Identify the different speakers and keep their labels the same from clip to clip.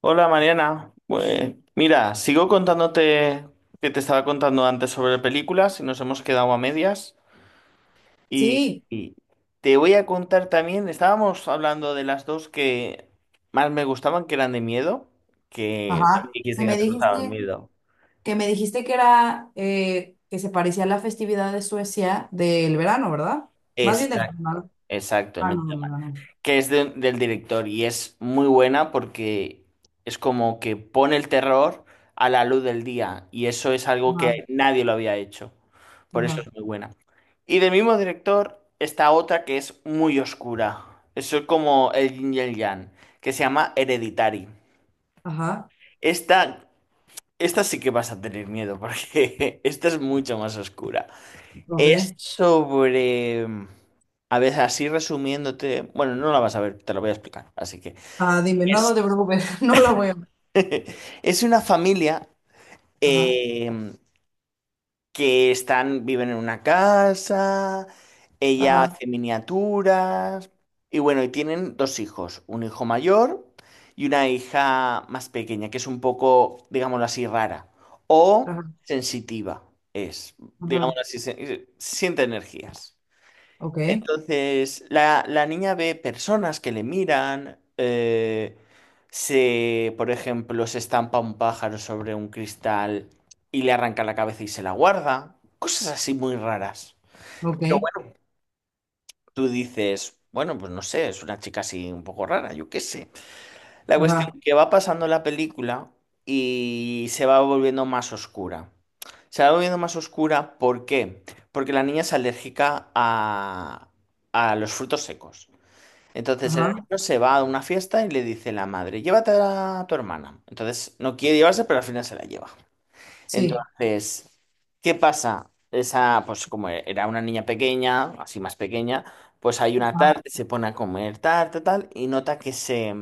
Speaker 1: Hola Mariana, pues mira, sigo contándote que te estaba contando antes sobre películas y nos hemos quedado a medias y,
Speaker 2: Sí,
Speaker 1: y te voy a contar también, estábamos hablando de las dos que más me gustaban, que eran de miedo, que me
Speaker 2: ajá.
Speaker 1: dijiste
Speaker 2: Que
Speaker 1: que no
Speaker 2: me
Speaker 1: te gustaban
Speaker 2: dijiste,
Speaker 1: miedo.
Speaker 2: que me dijiste que era que se parecía a la festividad de Suecia del verano, ¿verdad? Más bien de la...
Speaker 1: Exacto, exacto,
Speaker 2: Ah, no, del verano.
Speaker 1: que es del director y es muy buena porque es como que pone el terror a la luz del día y eso es algo que
Speaker 2: Ajá,
Speaker 1: nadie lo había hecho. Por eso
Speaker 2: ajá,
Speaker 1: es muy buena. Y del mismo director está otra que es muy oscura. Eso es como el yin y el yang, que se llama Hereditary.
Speaker 2: ajá.
Speaker 1: Esta, esta sí que vas a tener miedo porque esta es mucho más oscura. Es
Speaker 2: Ok.
Speaker 1: sobre... A ver, así resumiéndote, bueno, no la vas a ver, te lo voy a explicar. Así que
Speaker 2: Ah, dime, no, no
Speaker 1: es,
Speaker 2: te preocupes, no la voy a ver.
Speaker 1: es una familia
Speaker 2: Ajá,
Speaker 1: eh, que viven en una casa, ella
Speaker 2: ajá,
Speaker 1: hace miniaturas y bueno, y tienen dos hijos, un hijo mayor y una hija más pequeña, que es un poco, digámoslo así, rara o
Speaker 2: ajá,
Speaker 1: sensitiva, es,
Speaker 2: ajá.
Speaker 1: digámoslo así, siente energías.
Speaker 2: Ok,
Speaker 1: Entonces, la niña ve personas que le miran, por ejemplo, se estampa un pájaro sobre un cristal y le arranca la cabeza y se la guarda. Cosas así muy raras. Pero
Speaker 2: ok,
Speaker 1: bueno, tú dices, bueno, pues no sé, es una chica así un poco rara, yo qué sé. La
Speaker 2: ajá,
Speaker 1: cuestión que va pasando la película y se va volviendo más oscura. Se va volviendo más oscura, ¿por qué? Porque la niña es alérgica a los frutos secos. Entonces el
Speaker 2: ajá.
Speaker 1: hermano se va a una fiesta y le dice la madre, llévate a tu hermana. Entonces no quiere llevarse, pero al final se la lleva.
Speaker 2: Sí.
Speaker 1: Entonces, ¿qué pasa? Esa, pues como era una niña pequeña, así más pequeña, pues hay una tarde, se pone a comer tarta, tal, y nota que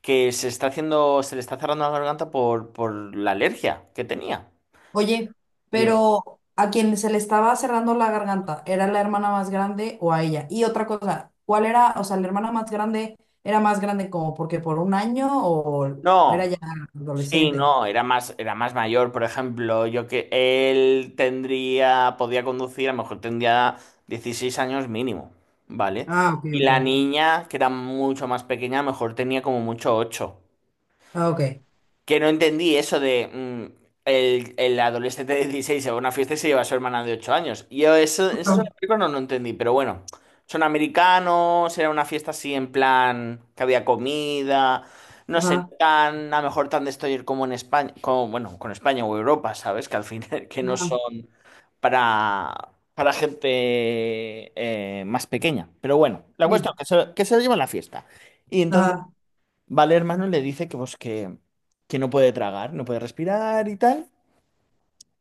Speaker 1: que se está haciendo, se le está cerrando la garganta por la alergia que tenía.
Speaker 2: Oye,
Speaker 1: Dime.
Speaker 2: pero ¿a quien se le estaba cerrando la garganta, era la hermana más grande o a ella? Y otra cosa, ¿cuál era, o sea, la hermana más grande era más grande como porque por un año o era
Speaker 1: No,
Speaker 2: ya
Speaker 1: sí,
Speaker 2: adolescente?
Speaker 1: no, era más mayor, por ejemplo, yo que él tendría, podía conducir, a lo mejor tendría 16 años mínimo, ¿vale?
Speaker 2: Ah, ok,
Speaker 1: Y
Speaker 2: ok.
Speaker 1: la niña, que era mucho más pequeña, a lo mejor tenía como mucho 8,
Speaker 2: Ah, ok.
Speaker 1: que no entendí eso de el adolescente de 16 se va a una fiesta y se lleva a su hermana de 8 años. Y yo eso en
Speaker 2: Ajá,
Speaker 1: la película no lo entendí, pero bueno, son americanos, era una fiesta así en plan que había comida, no sé,
Speaker 2: ajá,
Speaker 1: no tan, a lo mejor tan destroyer como en España, como, bueno, con España o Europa, ¿sabes? Que al final que no
Speaker 2: ajá,
Speaker 1: son para gente más pequeña. Pero bueno, la cuestión
Speaker 2: sí.
Speaker 1: es que se lo lleva a la fiesta. Y entonces,
Speaker 2: Ajá,
Speaker 1: vale, hermano, le dice que, pues, que no puede tragar, no puede respirar y tal.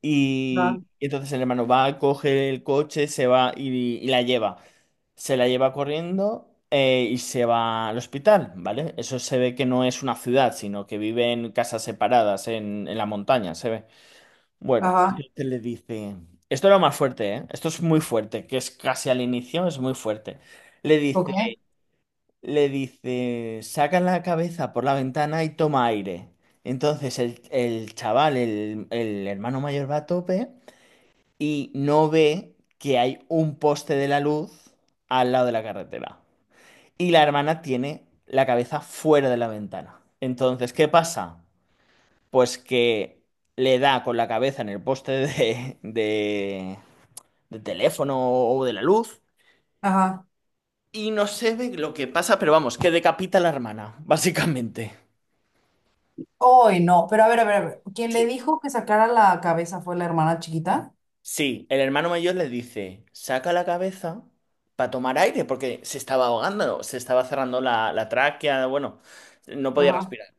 Speaker 1: Y,
Speaker 2: ajá,
Speaker 1: y entonces el hermano va, coge el coche, se va y la lleva. Se la lleva corriendo, y se va al hospital, ¿vale? Eso se ve que no es una ciudad, sino que vive en casas separadas, en la montaña, se ve. Bueno,
Speaker 2: ajá,
Speaker 1: entonces le dice... Esto era más fuerte, ¿eh? Esto es muy fuerte, que es casi al inicio, es muy fuerte. Le
Speaker 2: ok,
Speaker 1: dice le dice, saca la cabeza por la ventana y toma aire. Entonces el chaval, el hermano mayor va a tope y no ve que hay un poste de la luz al lado de la carretera. Y la hermana tiene la cabeza fuera de la ventana. Entonces, ¿qué pasa? Pues que le da con la cabeza en el poste de teléfono o de la luz
Speaker 2: ajá.
Speaker 1: y no se ve lo que pasa, pero vamos, que decapita a la hermana, básicamente.
Speaker 2: Ay, no, pero a ver, a ver, a ver. ¿Quién le
Speaker 1: Sí,
Speaker 2: dijo que sacara la cabeza fue la hermana chiquita?
Speaker 1: sí, el hermano mayor le dice, saca la cabeza para tomar aire, porque se estaba ahogando, se estaba cerrando la tráquea, bueno, no podía
Speaker 2: Ajá,
Speaker 1: respirar.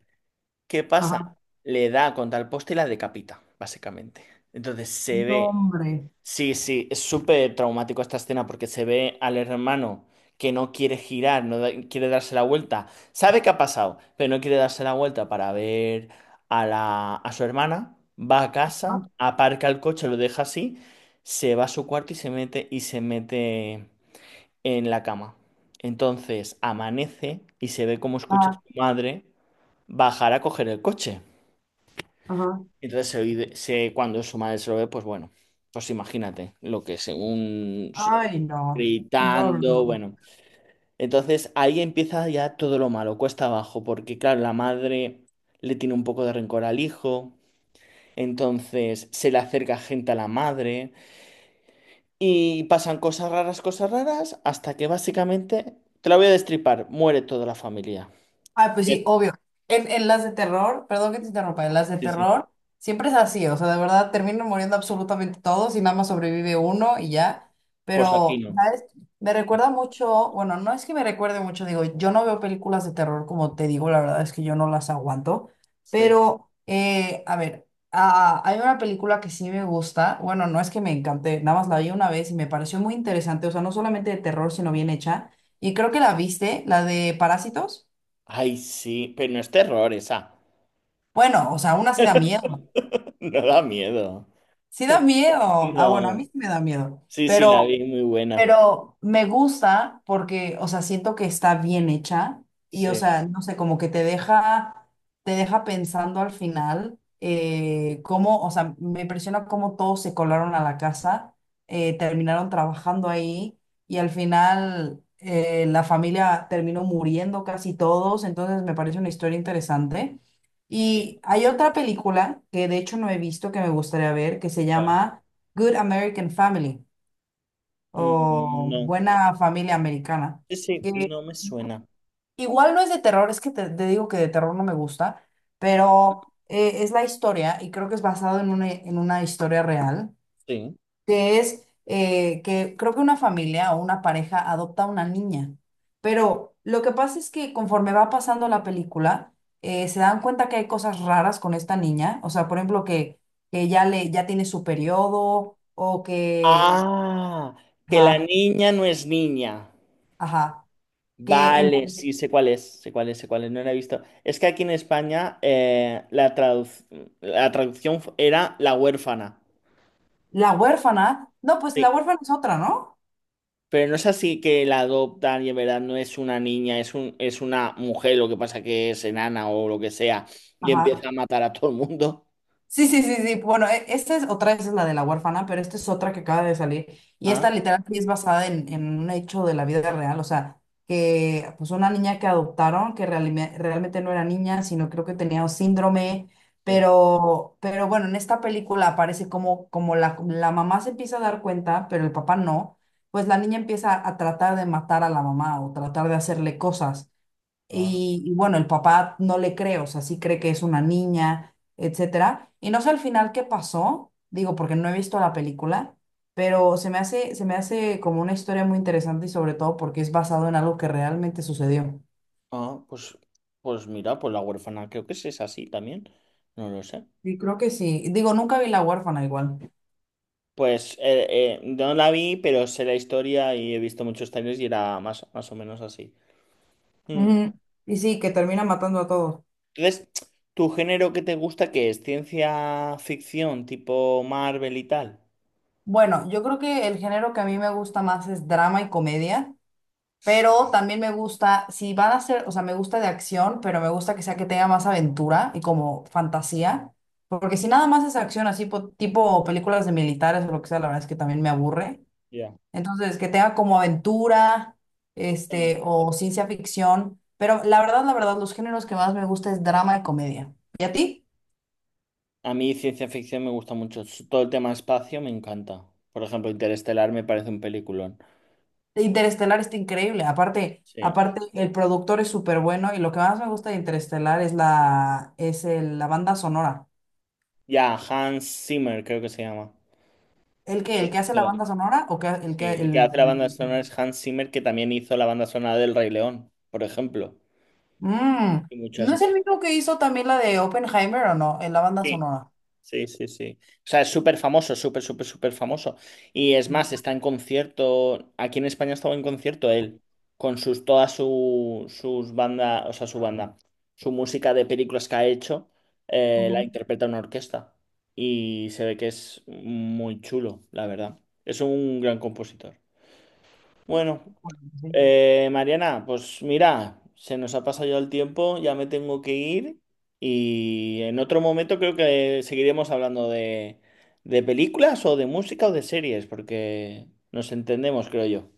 Speaker 1: ¿Qué pasa?
Speaker 2: ajá.
Speaker 1: Le da contra el poste y la decapita, básicamente. Entonces se
Speaker 2: No,
Speaker 1: ve.
Speaker 2: hombre.
Speaker 1: Sí, sí, es súper traumático esta escena porque se ve al hermano que no quiere girar, no da- quiere darse la vuelta. Sabe que ha pasado, pero no quiere darse la vuelta para ver a su hermana. Va a casa,
Speaker 2: Ajá,
Speaker 1: aparca el coche, lo deja así, se va a su cuarto y se mete en la cama. Entonces amanece y se ve cómo escucha a
Speaker 2: ajá,
Speaker 1: su madre bajar a coger el coche.
Speaker 2: ajá.
Speaker 1: Entonces, cuando su madre se lo ve, pues bueno, pues imagínate lo que
Speaker 2: Ay, no, no, no,
Speaker 1: gritando,
Speaker 2: no.
Speaker 1: bueno. Entonces ahí empieza ya todo lo malo, cuesta abajo, porque claro, la madre le tiene un poco de rencor al hijo, entonces se le acerca gente a la madre y pasan cosas raras, hasta que básicamente, te la voy a destripar, muere toda la familia.
Speaker 2: Ah, pues
Speaker 1: Sí,
Speaker 2: sí, obvio. En las de terror, perdón que te interrumpa, en las de
Speaker 1: sí, sí.
Speaker 2: terror siempre es así, o sea, de verdad terminan muriendo absolutamente todos y nada más sobrevive uno y ya.
Speaker 1: Pues aquí
Speaker 2: Pero,
Speaker 1: no.
Speaker 2: ¿sabes? Me recuerda mucho, bueno, no es que me recuerde mucho, digo, yo no veo películas de terror, como te digo, la verdad es que yo no las aguanto,
Speaker 1: Sí.
Speaker 2: pero, a ver, ah, hay una película que sí me gusta, bueno, no es que me encante, nada más la vi una vez y me pareció muy interesante, o sea, no solamente de terror, sino bien hecha, y creo que la viste, la de Parásitos.
Speaker 1: Ay, sí, pero no es terror esa,
Speaker 2: Bueno, o sea, aún así da miedo.
Speaker 1: no da miedo.
Speaker 2: Sí da miedo. Ah, bueno, a mí
Speaker 1: No,
Speaker 2: sí me da miedo.
Speaker 1: sí, sí, la
Speaker 2: Pero
Speaker 1: vi muy buena.
Speaker 2: me gusta porque, o sea, siento que está bien hecha y, o
Speaker 1: Sí,
Speaker 2: sea, no sé, como que te deja pensando al final cómo, o sea, me impresiona cómo todos se colaron a la casa, terminaron trabajando ahí y al final la familia terminó muriendo casi todos, entonces me parece una historia interesante.
Speaker 1: sí,
Speaker 2: Y hay otra película que de hecho no he visto que me gustaría ver que se
Speaker 1: ¿cuál?
Speaker 2: llama Good American Family.
Speaker 1: Mm,
Speaker 2: O
Speaker 1: no,
Speaker 2: Buena Familia Americana.
Speaker 1: sí, sí,
Speaker 2: Que
Speaker 1: no me suena.
Speaker 2: igual no es de terror, es que te digo que de terror no me gusta, pero es la historia y creo que es basado en una historia real,
Speaker 1: Sí.
Speaker 2: que es que creo que una familia o una pareja adopta a una niña, pero lo que pasa es que conforme va pasando la película, se dan cuenta que hay cosas raras con esta niña, o sea, por ejemplo, que ya, le, ya tiene su periodo o que...
Speaker 1: Ah, que la
Speaker 2: Ajá,
Speaker 1: niña no es niña.
Speaker 2: ajá, que en,
Speaker 1: Vale, sí, sé cuál es, sé cuál es, sé cuál es, no la he visto. Es que aquí en España, la traducción era La Huérfana.
Speaker 2: La huérfana. No, pues la
Speaker 1: Sí.
Speaker 2: huérfana es otra, ¿no?
Speaker 1: Pero no es así que la adoptan y en verdad no es una niña, es una mujer, lo que pasa que es enana o lo que sea, y
Speaker 2: Ajá.
Speaker 1: empieza a matar a todo el mundo.
Speaker 2: Sí, sí, sí, sí. Bueno, e- esta es otra, esa es la de la huérfana, pero esta es otra que acaba de salir. Y esta literal sí es basada en un hecho de la vida real. O sea, que pues una niña que adoptaron, que realime- realmente no era niña, sino creo que tenía un síndrome.
Speaker 1: Sí.
Speaker 2: Pero bueno, en esta película aparece como, como la mamá se empieza a dar cuenta, pero el papá no. Pues la niña empieza a tratar de matar a la mamá o tratar de hacerle cosas.
Speaker 1: Ah,
Speaker 2: Y bueno, el papá no le cree, o sea, sí cree que es una niña, etcétera. Y no sé al final qué pasó, digo, porque no he visto la película, pero se me hace como una historia muy interesante y sobre todo porque es basado en algo que realmente sucedió.
Speaker 1: ah, pues, mira, pues La Huérfana creo que sí es así también. No lo sé.
Speaker 2: Y creo que sí. Digo, nunca vi La huérfana igual.
Speaker 1: Pues no la vi, pero sé la historia y he visto muchos trailers y era más, más o menos así. Mm.
Speaker 2: Ujú. Y sí, que termina matando a todos.
Speaker 1: Entonces, ¿tu género que te gusta qué es? ¿Ciencia ficción tipo Marvel y tal?
Speaker 2: Bueno, yo creo que el género que a mí me gusta más es drama y comedia. Pero también me gusta, si van a ser, o sea, me gusta de acción, pero me gusta que sea que tenga más aventura y como fantasía. Porque si nada más es acción así, po- tipo películas de militares o lo que sea, la verdad es que también me aburre.
Speaker 1: Ya.
Speaker 2: Entonces, que tenga como aventura,
Speaker 1: Sí.
Speaker 2: este, o ciencia ficción. Pero la verdad, los géneros que más me gusta es drama y comedia. ¿Y a ti?
Speaker 1: A mí ciencia ficción me gusta mucho. Todo el tema espacio me encanta. Por ejemplo, Interestelar me parece un peliculón.
Speaker 2: Interestelar está increíble. Aparte,
Speaker 1: Sí.
Speaker 2: aparte, el productor es súper bueno y lo que más me gusta de Interestelar es la, es la banda sonora.
Speaker 1: Ya, Hans Zimmer creo que se llama.
Speaker 2: ¿El que... ¿El que hace la banda sonora? ¿O que el
Speaker 1: Sí,
Speaker 2: que
Speaker 1: el que hace la
Speaker 2: el-
Speaker 1: banda sonora es Hans Zimmer, que también hizo la banda sonora del Rey León, por ejemplo.
Speaker 2: Mm,
Speaker 1: Y muchas
Speaker 2: ¿no es el
Speaker 1: más.
Speaker 2: mismo que hizo también la de Oppenheimer o no? En la banda
Speaker 1: Sí,
Speaker 2: sonora.
Speaker 1: sí, sí, sí. O sea, es súper famoso, súper, súper, súper famoso. Y es más, está en concierto. Aquí en España estaba en concierto él, con todas sus bandas, o sea, su banda, su música de películas que ha hecho, la
Speaker 2: Ujú.
Speaker 1: interpreta una orquesta. Y se ve que es muy chulo, la verdad. Es un gran compositor. Bueno.
Speaker 2: Sí.
Speaker 1: Mariana, pues mira, se nos ha pasado ya el tiempo, ya me tengo que ir y en otro momento creo que seguiremos hablando de películas o de música o de series, porque nos entendemos, creo yo.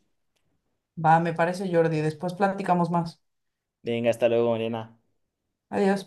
Speaker 2: Va, me parece Jordi. Después platicamos más.
Speaker 1: Venga, hasta luego, Mariana.
Speaker 2: Adiós.